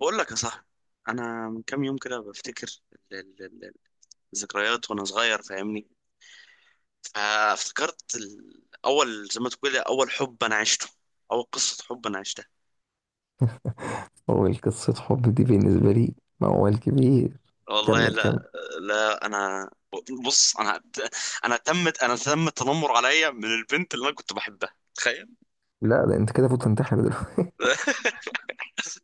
بقول لك يا صاحبي، انا من كام يوم كده بفتكر ال- ال- ال- الذكريات وانا صغير، فاهمني. فافتكرت اول، زي ما تقول، اول حب انا عشته، اول قصة حب انا عشتها. هو قصة حب دي بالنسبة لي موال كبير. والله كمل كمل. لا. لا انا، بص انا، انا تمت انا تم التنمر عليا من البنت اللي انا كنت بحبها، تخيل. لا ده انت كده فوت تنتحر دلوقتي.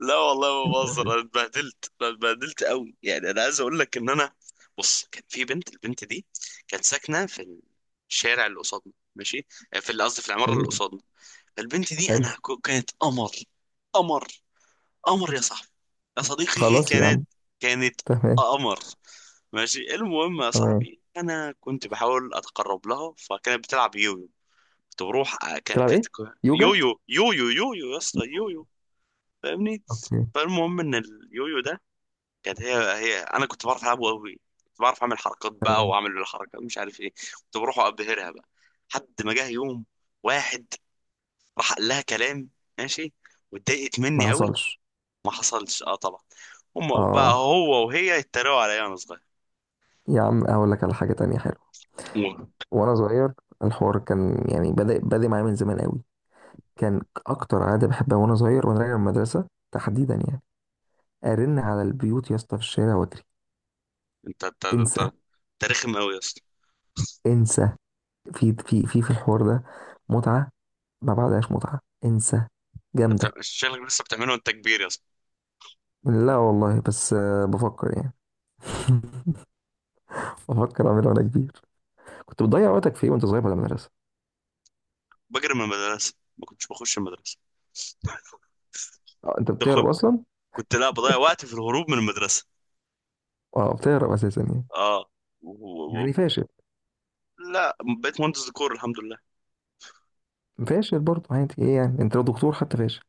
لا والله ما بهزر، انا اتبهدلت، انا اتبهدلت قوي، يعني انا عايز اقول لك ان انا، بص كان في بنت. البنت دي كانت ساكنه في الشارع اللي قصادنا، ماشي. في، اللي قصدي في العماره اللي حلو. قصادنا. البنت دي حلو. انا كانت قمر. قمر، قمر يا صاحبي، يا صديقي، خلاص يا كانت، عم. كانت تمام. قمر. ماشي، المهم يا تمام. صاحبي انا كنت بحاول اتقرب لها، فكانت بتلعب يويو. كنت بروح تلعب ايه؟ كانت، يوجا؟ يويو يويو يويو يا اسطى يويو، فاهمني. اوكي. فالمهم ان اليويو ده، كانت هي انا كنت بعرف العبه قوي، كنت بعرف اعمل حركات بقى واعمل الحركه مش عارف ايه، كنت بروح ابهرها بقى. حد ما جه يوم، واحد راح قال لها كلام، ماشي، واتضايقت مني ما قوي. حصلش. ما حصلش، اه طبعا. هم بقى اه هو وهي يتريقوا عليا وانا صغير. يا عم، اقول لك على حاجة تانية حلوة أوه. وانا صغير. الحوار كان يعني بدأ معايا من زمان قوي. كان اكتر عادة بحبها وانا صغير وانا راجع من المدرسة تحديدا، يعني ارن على البيوت يا اسطى في الشارع واجري. انت انت انت انسى انت رخم قوي يا اسطى. انسى. في الحوار ده متعة، ما بعدهاش متعة. انسى. جامدة. شكلك لسه بتعمله وانت كبير يا اسطى. لا والله، بس بفكر يعني. بفكر اعملها وانا كبير. كنت بتضيع وقتك في ايه وانت صغير بعد المدرسة؟ بجري من المدرسه، ما كنتش بخش المدرسه. انت دخل. بتهرب اصلا. كنت، لا، بضيع وقتي في الهروب من المدرسه. اه بتهرب اساسا يعني. اه. و- و- يعني فاشل. لا، بقيت مهندس ديكور الحمد لله. فاشل برضه عادي، ايه يعني انت لو دكتور حتى فاشل.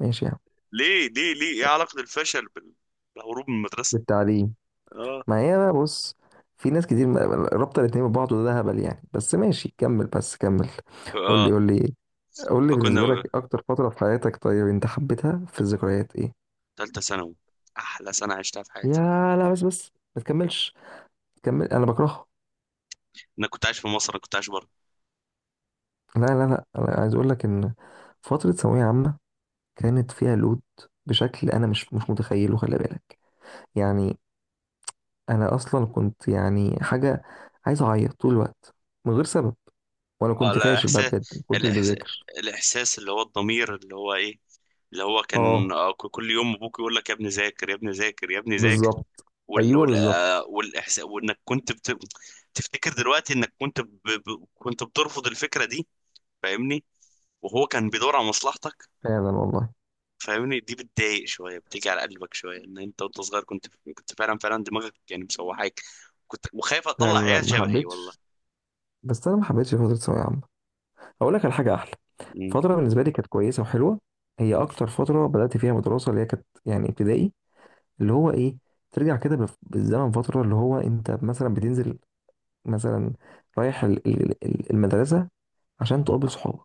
ماشي يعني. ليه ايه علاقة الفشل بالهروب من المدرسة؟ بالتعليم. اه. ما هي بقى بص، في ناس كتير ما- رابطة الاتنين ببعض وده هبل يعني، بس ماشي كمل، بس كمل. قول لي، اه، قول لي. قول لي فكنا بالنسبة لك أكتر فترة في حياتك، طيب أنت حبيتها في الذكريات إيه؟ ثالثة ثانوي، احلى سنة عشتها في حياتي. يا لا بس بس ما تكملش. كمل، انا بكرهها. انا كنت عايش في مصر، انا كنت عايش بره. لا انا عايز اقول لك ان فتره ثانويه عامه كانت فيها لود بشكل انا مش متخيله، خلي بالك. يعني انا اصلا كنت يعني حاجه، عايز اعيط طول الوقت من غير سبب. وانا اه، كنت لا، فاشل بقى احساس، بجد، ما كنتش الإحس... بذاكر. الاحساس اللي هو الضمير، اللي هو ايه، اللي هو اه كان، كل يوم ابوك يقول لك يا ابني ذاكر يا ابني ذاكر يا ابني ذاكر. بالظبط. ايوه بالظبط. والاحساس، وانك كنت تفتكر دلوقتي انك كنت كنت بترفض الفكرة دي، فاهمني. وهو كان بيدور على مصلحتك، فعلا والله. فاهمني. دي بتضايق شويه، بتيجي على قلبك شويه، ان انت وانت صغير كنت، كنت فعلا دماغك يعني مسوحاك، كنت وخايف لا اطلع لا لا عيال ما شبهي والله. حبيتش. بس انا ما حبيتش فتره ثانويه عامه. اقول لك على حاجه احلى. مم. فتره بالنسبه لي كانت كويسه وحلوه، هي اكتر فتره بدات فيها مدرسه، اللي هي كانت يعني ابتدائي، اللي هو ايه، ترجع كده بالف- بالزمن فترة، اللي هو انت مثلا بتنزل، مثلا رايح المدرسة عشان تقابل صحابك.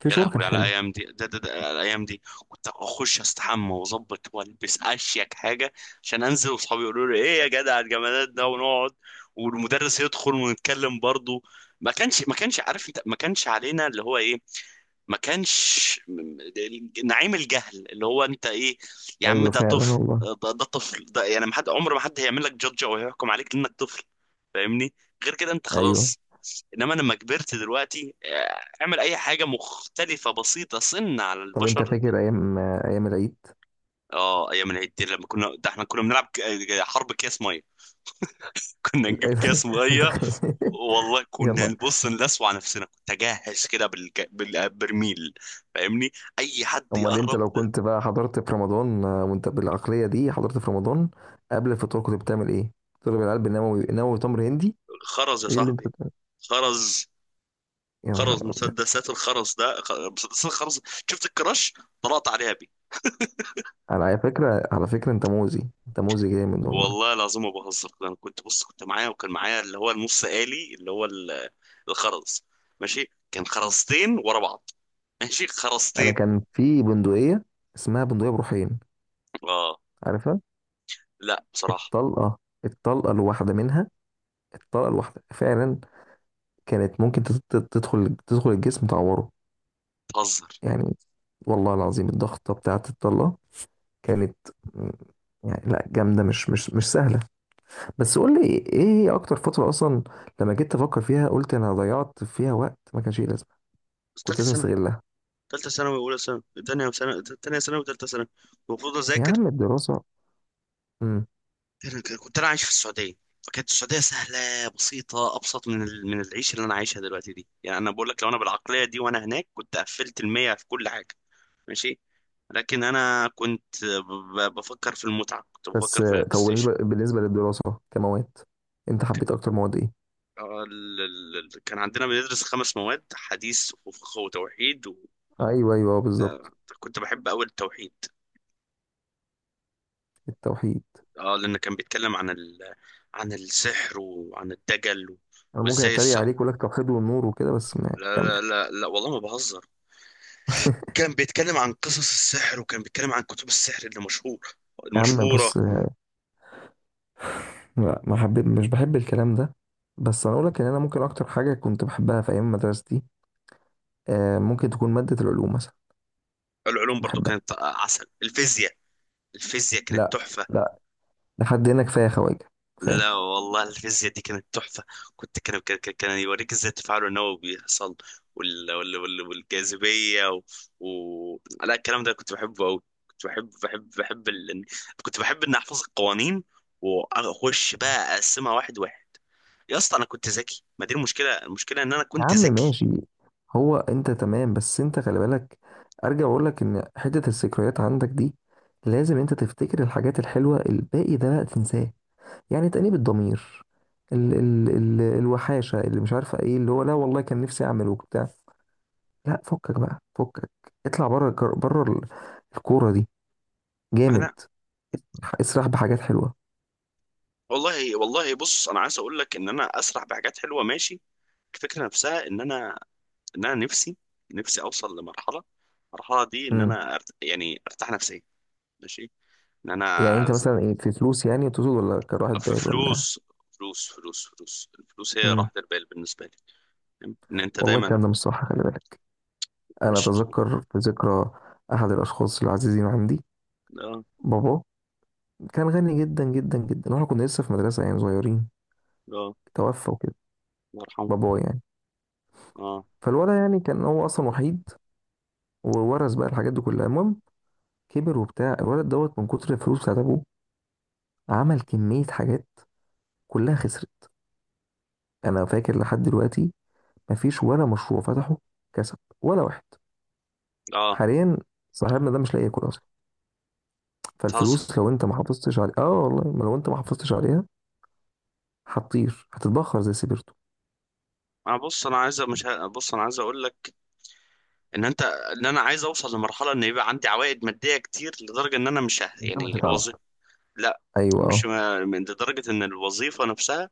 في يا شعور كان لهوي على حلو. الايام دي، ده على الايام دي. كنت اخش استحمى واظبط والبس اشيك حاجه عشان انزل واصحابي يقولوا لي ايه يا جدع، الجمالات ده، ونقعد والمدرس يدخل ونتكلم برضه. ما كانش عارف، انت ما كانش علينا اللي هو ايه، ما كانش نعيم الجهل اللي هو انت ايه. يا عم ايوه ده فعلا طفل والله. ده, ده طفل ده يعني، ما حد عمر، ما حد هيعمل لك جادج او هيحكم عليك لانك طفل، فاهمني. غير كده انت ايوه. خلاص. انما لما كبرت دلوقتي، اعمل اي حاجه مختلفه بسيطه سن على طب انت البشر لا. فاكر ايام ايام العيد؟ اه، ايام العيد دي لما كنا، ده احنا كنا بنلعب حرب كاس ميه. كنا نجيب الآن- كاس انت ميه والله، كنا يلا. نبص نلسوع نفسنا، كنت اجهز كده بالبرميل، فاهمني، اي حد امال انت يقرب. لو كنت بقى حضرت في رمضان، وانت بالعقليه دي حضرت في رمضان، قبل الفطور كنت بتعمل ايه؟ تضرب العلب بالنووي، نووي تمر هندي؟ خرز يا ايه اللي انت صاحبي. بتعمل؟ خرز. يا خرز، نهار ابيض. مسدسات الخرز ده مسدسات الخرز. شفت الكراش، طلعت عليها بيه. على فكره، على فكره انت موزي، انت موزي جامد والله. والله العظيم ما بهزر، انا كنت، بص كنت معايا، وكان معايا اللي هو النص آلي، اللي هو الخرز، ماشي. كان خرزتين ورا بعض، ماشي، انا خرزتين. كان في بندقيه اسمها بندقيه بروحين، اه عارفها؟ لا بصراحة. الطلقه، الطلقه الواحده منها، الطلقه الواحده فعلا كانت ممكن تدخل، تدخل الجسم تعوره بتهزر. يعني. والله العظيم الضغطه بتاعه الطلقه كانت م- يعني لا جامده، مش سهله. بس قول لي ايه هي اكتر فتره اصلا لما جيت افكر فيها، قلت انا ضيعت فيها وقت ما كانش ليه لازمه، كنت ثالثة لازم ثانوي، استغلها. ثالثة ثانوي، أولى ثانوي، ثانية ثانوي ثالثة ثانوي، المفروض يا أذاكر. عم الدراسه. امم. كنت انا عايش في السعوديه. فكانت السعوديه سهله بسيطه، ابسط من من العيشه اللي انا عايشها دلوقتي دي، يعني انا بقول لك لو انا بالعقليه دي وانا هناك كنت قفلت المية في كل حاجه، ماشي. لكن انا كنت بفكر في المتعه، كنت بس بفكر في البلاي طب ستيشن. بالنسبه للدراسه كمواد، انت حبيت اكتر مواد ايه؟ كان عندنا بندرس خمس مواد: حديث وفقه وتوحيد. ايوه ايوه بالظبط. وكنت بحب اول التوحيد، التوحيد. اه، لان كان بيتكلم عن عن السحر وعن الدجل و... انا ممكن وازاي اتريق السحر. عليك اقول لك توحيد والنور وكده، بس ما لا كمل. لا لا, لا والله ما بهزر، كان بيتكلم عن قصص السحر، وكان بيتكلم عن كتب السحر اللي مشهور، يا عم المشهورة. بص، لا ما حبيت، مش بحب الكلام ده. بس انا اقول لك ان انا ممكن اكتر حاجه كنت بحبها في ايام مدرستي، ممكن تكون ماده العلوم مثلا. العلوم برضو بحبها. كانت عسل، الفيزياء. الفيزياء كانت لا. تحفة. لا. لحد هنا كفايه خواجه، كفايه. لا والله الفيزياء دي كانت تحفة. كنت، كان يوريك ازاي التفاعل النووي بيحصل، والجاذبية و... و... لا الكلام ده كنت بحبه أوي. كنت بحب كنت بحب إني أحفظ القوانين، وأخش بقى أقسمها واحد واحد. يا اسطى أنا كنت ذكي، ما دي المشكلة، المشكلة إن أنا يا كنت عم ذكي. ماشي، هو انت تمام بس انت خلي بالك. ارجع اقول لك ان حته الذكريات عندك دي لازم انت تفتكر الحاجات الحلوه، الباقي ده بقى تنساه. يعني تأنيب الضمير، ال ال ال الوحاشه اللي مش عارفه ايه، اللي هو لا والله كان نفسي اعمل وبتاع، لا فكك بقى، فكك. اطلع بره الكر- بره ال- الكوره دي. جامد. انا. اسرح بحاجات حلوه. والله والله بص انا عايز اقول لك ان انا اسرح بحاجات حلوه، ماشي. الفكره نفسها ان انا، ان انا نفسي، نفسي اوصل لمرحله، المرحله دي ان امم. انا يعني ارتاح نفسيا، ماشي. ان يعني انا انت ز- مثلا ايه، في فلوس يعني تقصد، ولا كراحه في بال ولا؟ فلوس، فلوس الفلوس هي امم. راحه البال بالنسبه لي. فاهم؟ ان انت والله دايما الكلام ده مش صح، خلي بالك. أنا مش. أتذكر في ذكرى أحد الأشخاص العزيزين عندي، لا. لا بابا، كان غني جدا جدا جدا، وإحنا كنا لسه في مدرسة يعني صغيرين، الله توفى وكده يرحمه. بابا يعني. اه فالولد يعني كان هو أصلا وحيد، وورث بقى الحاجات دي كلها. المهم كبر وبتاع الولد دوت من كتر الفلوس بتاعت أبوه، عمل كمية حاجات، كلها خسرت. أنا فاكر لحد دلوقتي مفيش ولا مشروع فتحه كسب ولا واحد. اه حاليا صاحبنا ده مش لاقي ياكل أصلا. بتهزر. فالفلوس لو أنت ما حافظتش عليها، والله ما لو أنت ما حافظتش عليها هتطير، هتتبخر زي سيبرتو. انا بص انا عايز مش ه... بص انا عايز اقول لك ان انت، ان انا عايز اوصل لمرحله ان يبقى عندي عوائد ماديه كتير، لدرجه ان انا مش ه... من غير ما يعني تتعب. الوظيفه، لا، ايوه مش اه. ما- من لدرجة ان الوظيفة نفسها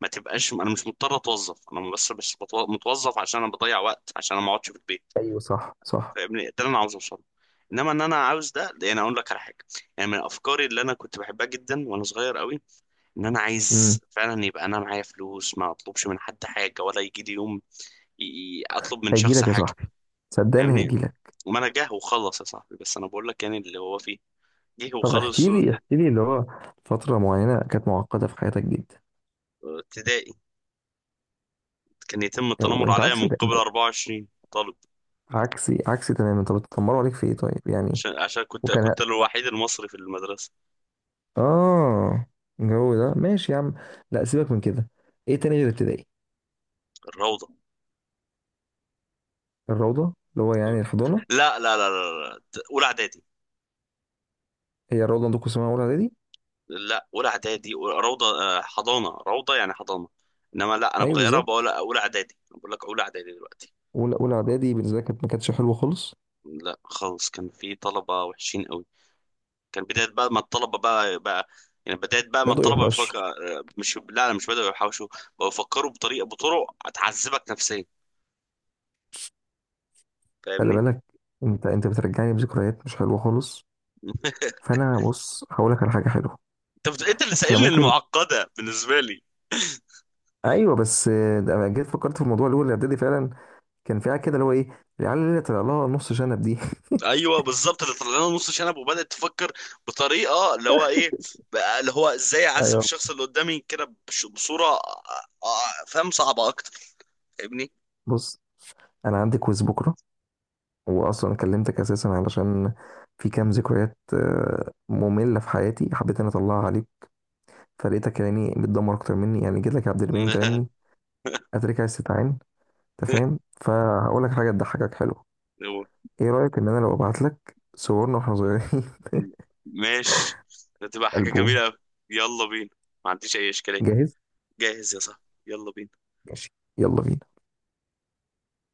ما تبقاش، انا مش مضطر اتوظف، انا بس متوظف عشان انا بضيع وقت، عشان انا ما اقعدش في البيت، ايوه صح صح. فاهمني. ده اللي انا عاوز اوصله. انما ان انا عاوز ده، يعني اقول لك على حاجه، يعني من افكاري اللي انا كنت بحبها جدا وانا صغير قوي، ان انا امم. عايز فعلا يبقى انا معايا فلوس، ما اطلبش من حد حاجه، ولا يجي لي يوم اطلب من هيجي شخص لك يا حاجه، صاحبي، صدقني فاهمني. هيجي لك. ما انا جه وخلص يا صاحبي، بس انا بقول لك يعني اللي هو فيه. جه طب وخلص. احكي لي، احكي لي اللي هو فترة معينة كانت معقدة في حياتك جدا. ابتدائي كان يتم التنمر وانت عليا عكسي، من ده قبل انت 24 طالب، عكسي، عكسي تماما. طب اتطمروا عليك في ايه طيب يعني؟ عشان كنت وكان ه- كنت أنا الوحيد المصري في المدرسة. اه الجو ده ماشي يا عم، لا سيبك من كده. ايه تاني غير ابتدائي؟ الروضة. الروضة. اللي هو يعني الحضانة. لا لا لا لا, لا. أولى إعدادي. هي الروضة عندكم اسمها اولى اعدادي؟ لا، أولى إعدادي روضة، حضانة، روضة يعني حضانة. إنما لا، أنا ايوه بغيرها، بقول بالظبط. أولى إعدادي، أنا بقول لك أولى إعدادي دلوقتي. اولى، اولى اعدادي بالنسبة لي كانت ما كانتش حلوة خالص. لا خالص، كان في طلبة وحشين قوي. كان بداية بقى ما الطلبة بقى يعني بداية بقى ما بدأوا الطلبة يوحشوا. بيفكر. مش لا أنا مش بدأوا يحوشوا، بقوا يفكروا بطريقة، بطرق هتعذبك نفسيا، خلي فاهمني. بالك، انت بترجعني بذكريات مش حلوه خالص. فانا بص هقول لك على حاجه حلوه. انت انت اللي احنا سائلني ممكن. المعقده بالنسبه لي. ايوه بس ده أنا جيت فكرت في الموضوع اللي هو الاعدادي فعلا، كان في حاجه كده اللي هو ايه، العيال اللي طلع لها نص شنب دي. ايوه بالظبط اللي طلع لنا نص شنب، وبدات تفكر بطريقه، اللي هو ايه، بقى اللي هو ازاي اعذب ايوه. الشخص اللي قدامي كده بصوره، فاهم، صعبه اكتر، فاهمني. بص انا عندي كويز بكره، واصلا كلمتك اساسا علشان في كام ذكريات ممله في حياتي حبيت اني اطلعها عليك، فلقيتك يعني بتدمر اكتر مني، يعني جيت لك يا عبد الرحمن وتعني اترك عايز تتعين. انت فاهم، فهقول لك حاجه تضحكك حلوه. هو- ايه رأيك ان انا لو ابعت لك صورنا واحنا صغيرين؟ ماشي، هتبقى حاجه ألبوم. جميله قوي. يلا بينا، ما عنديش اي اشكاليه. جاهز. جاهز يا صاحبي، يلا بينا. ماشي. يلا بينا.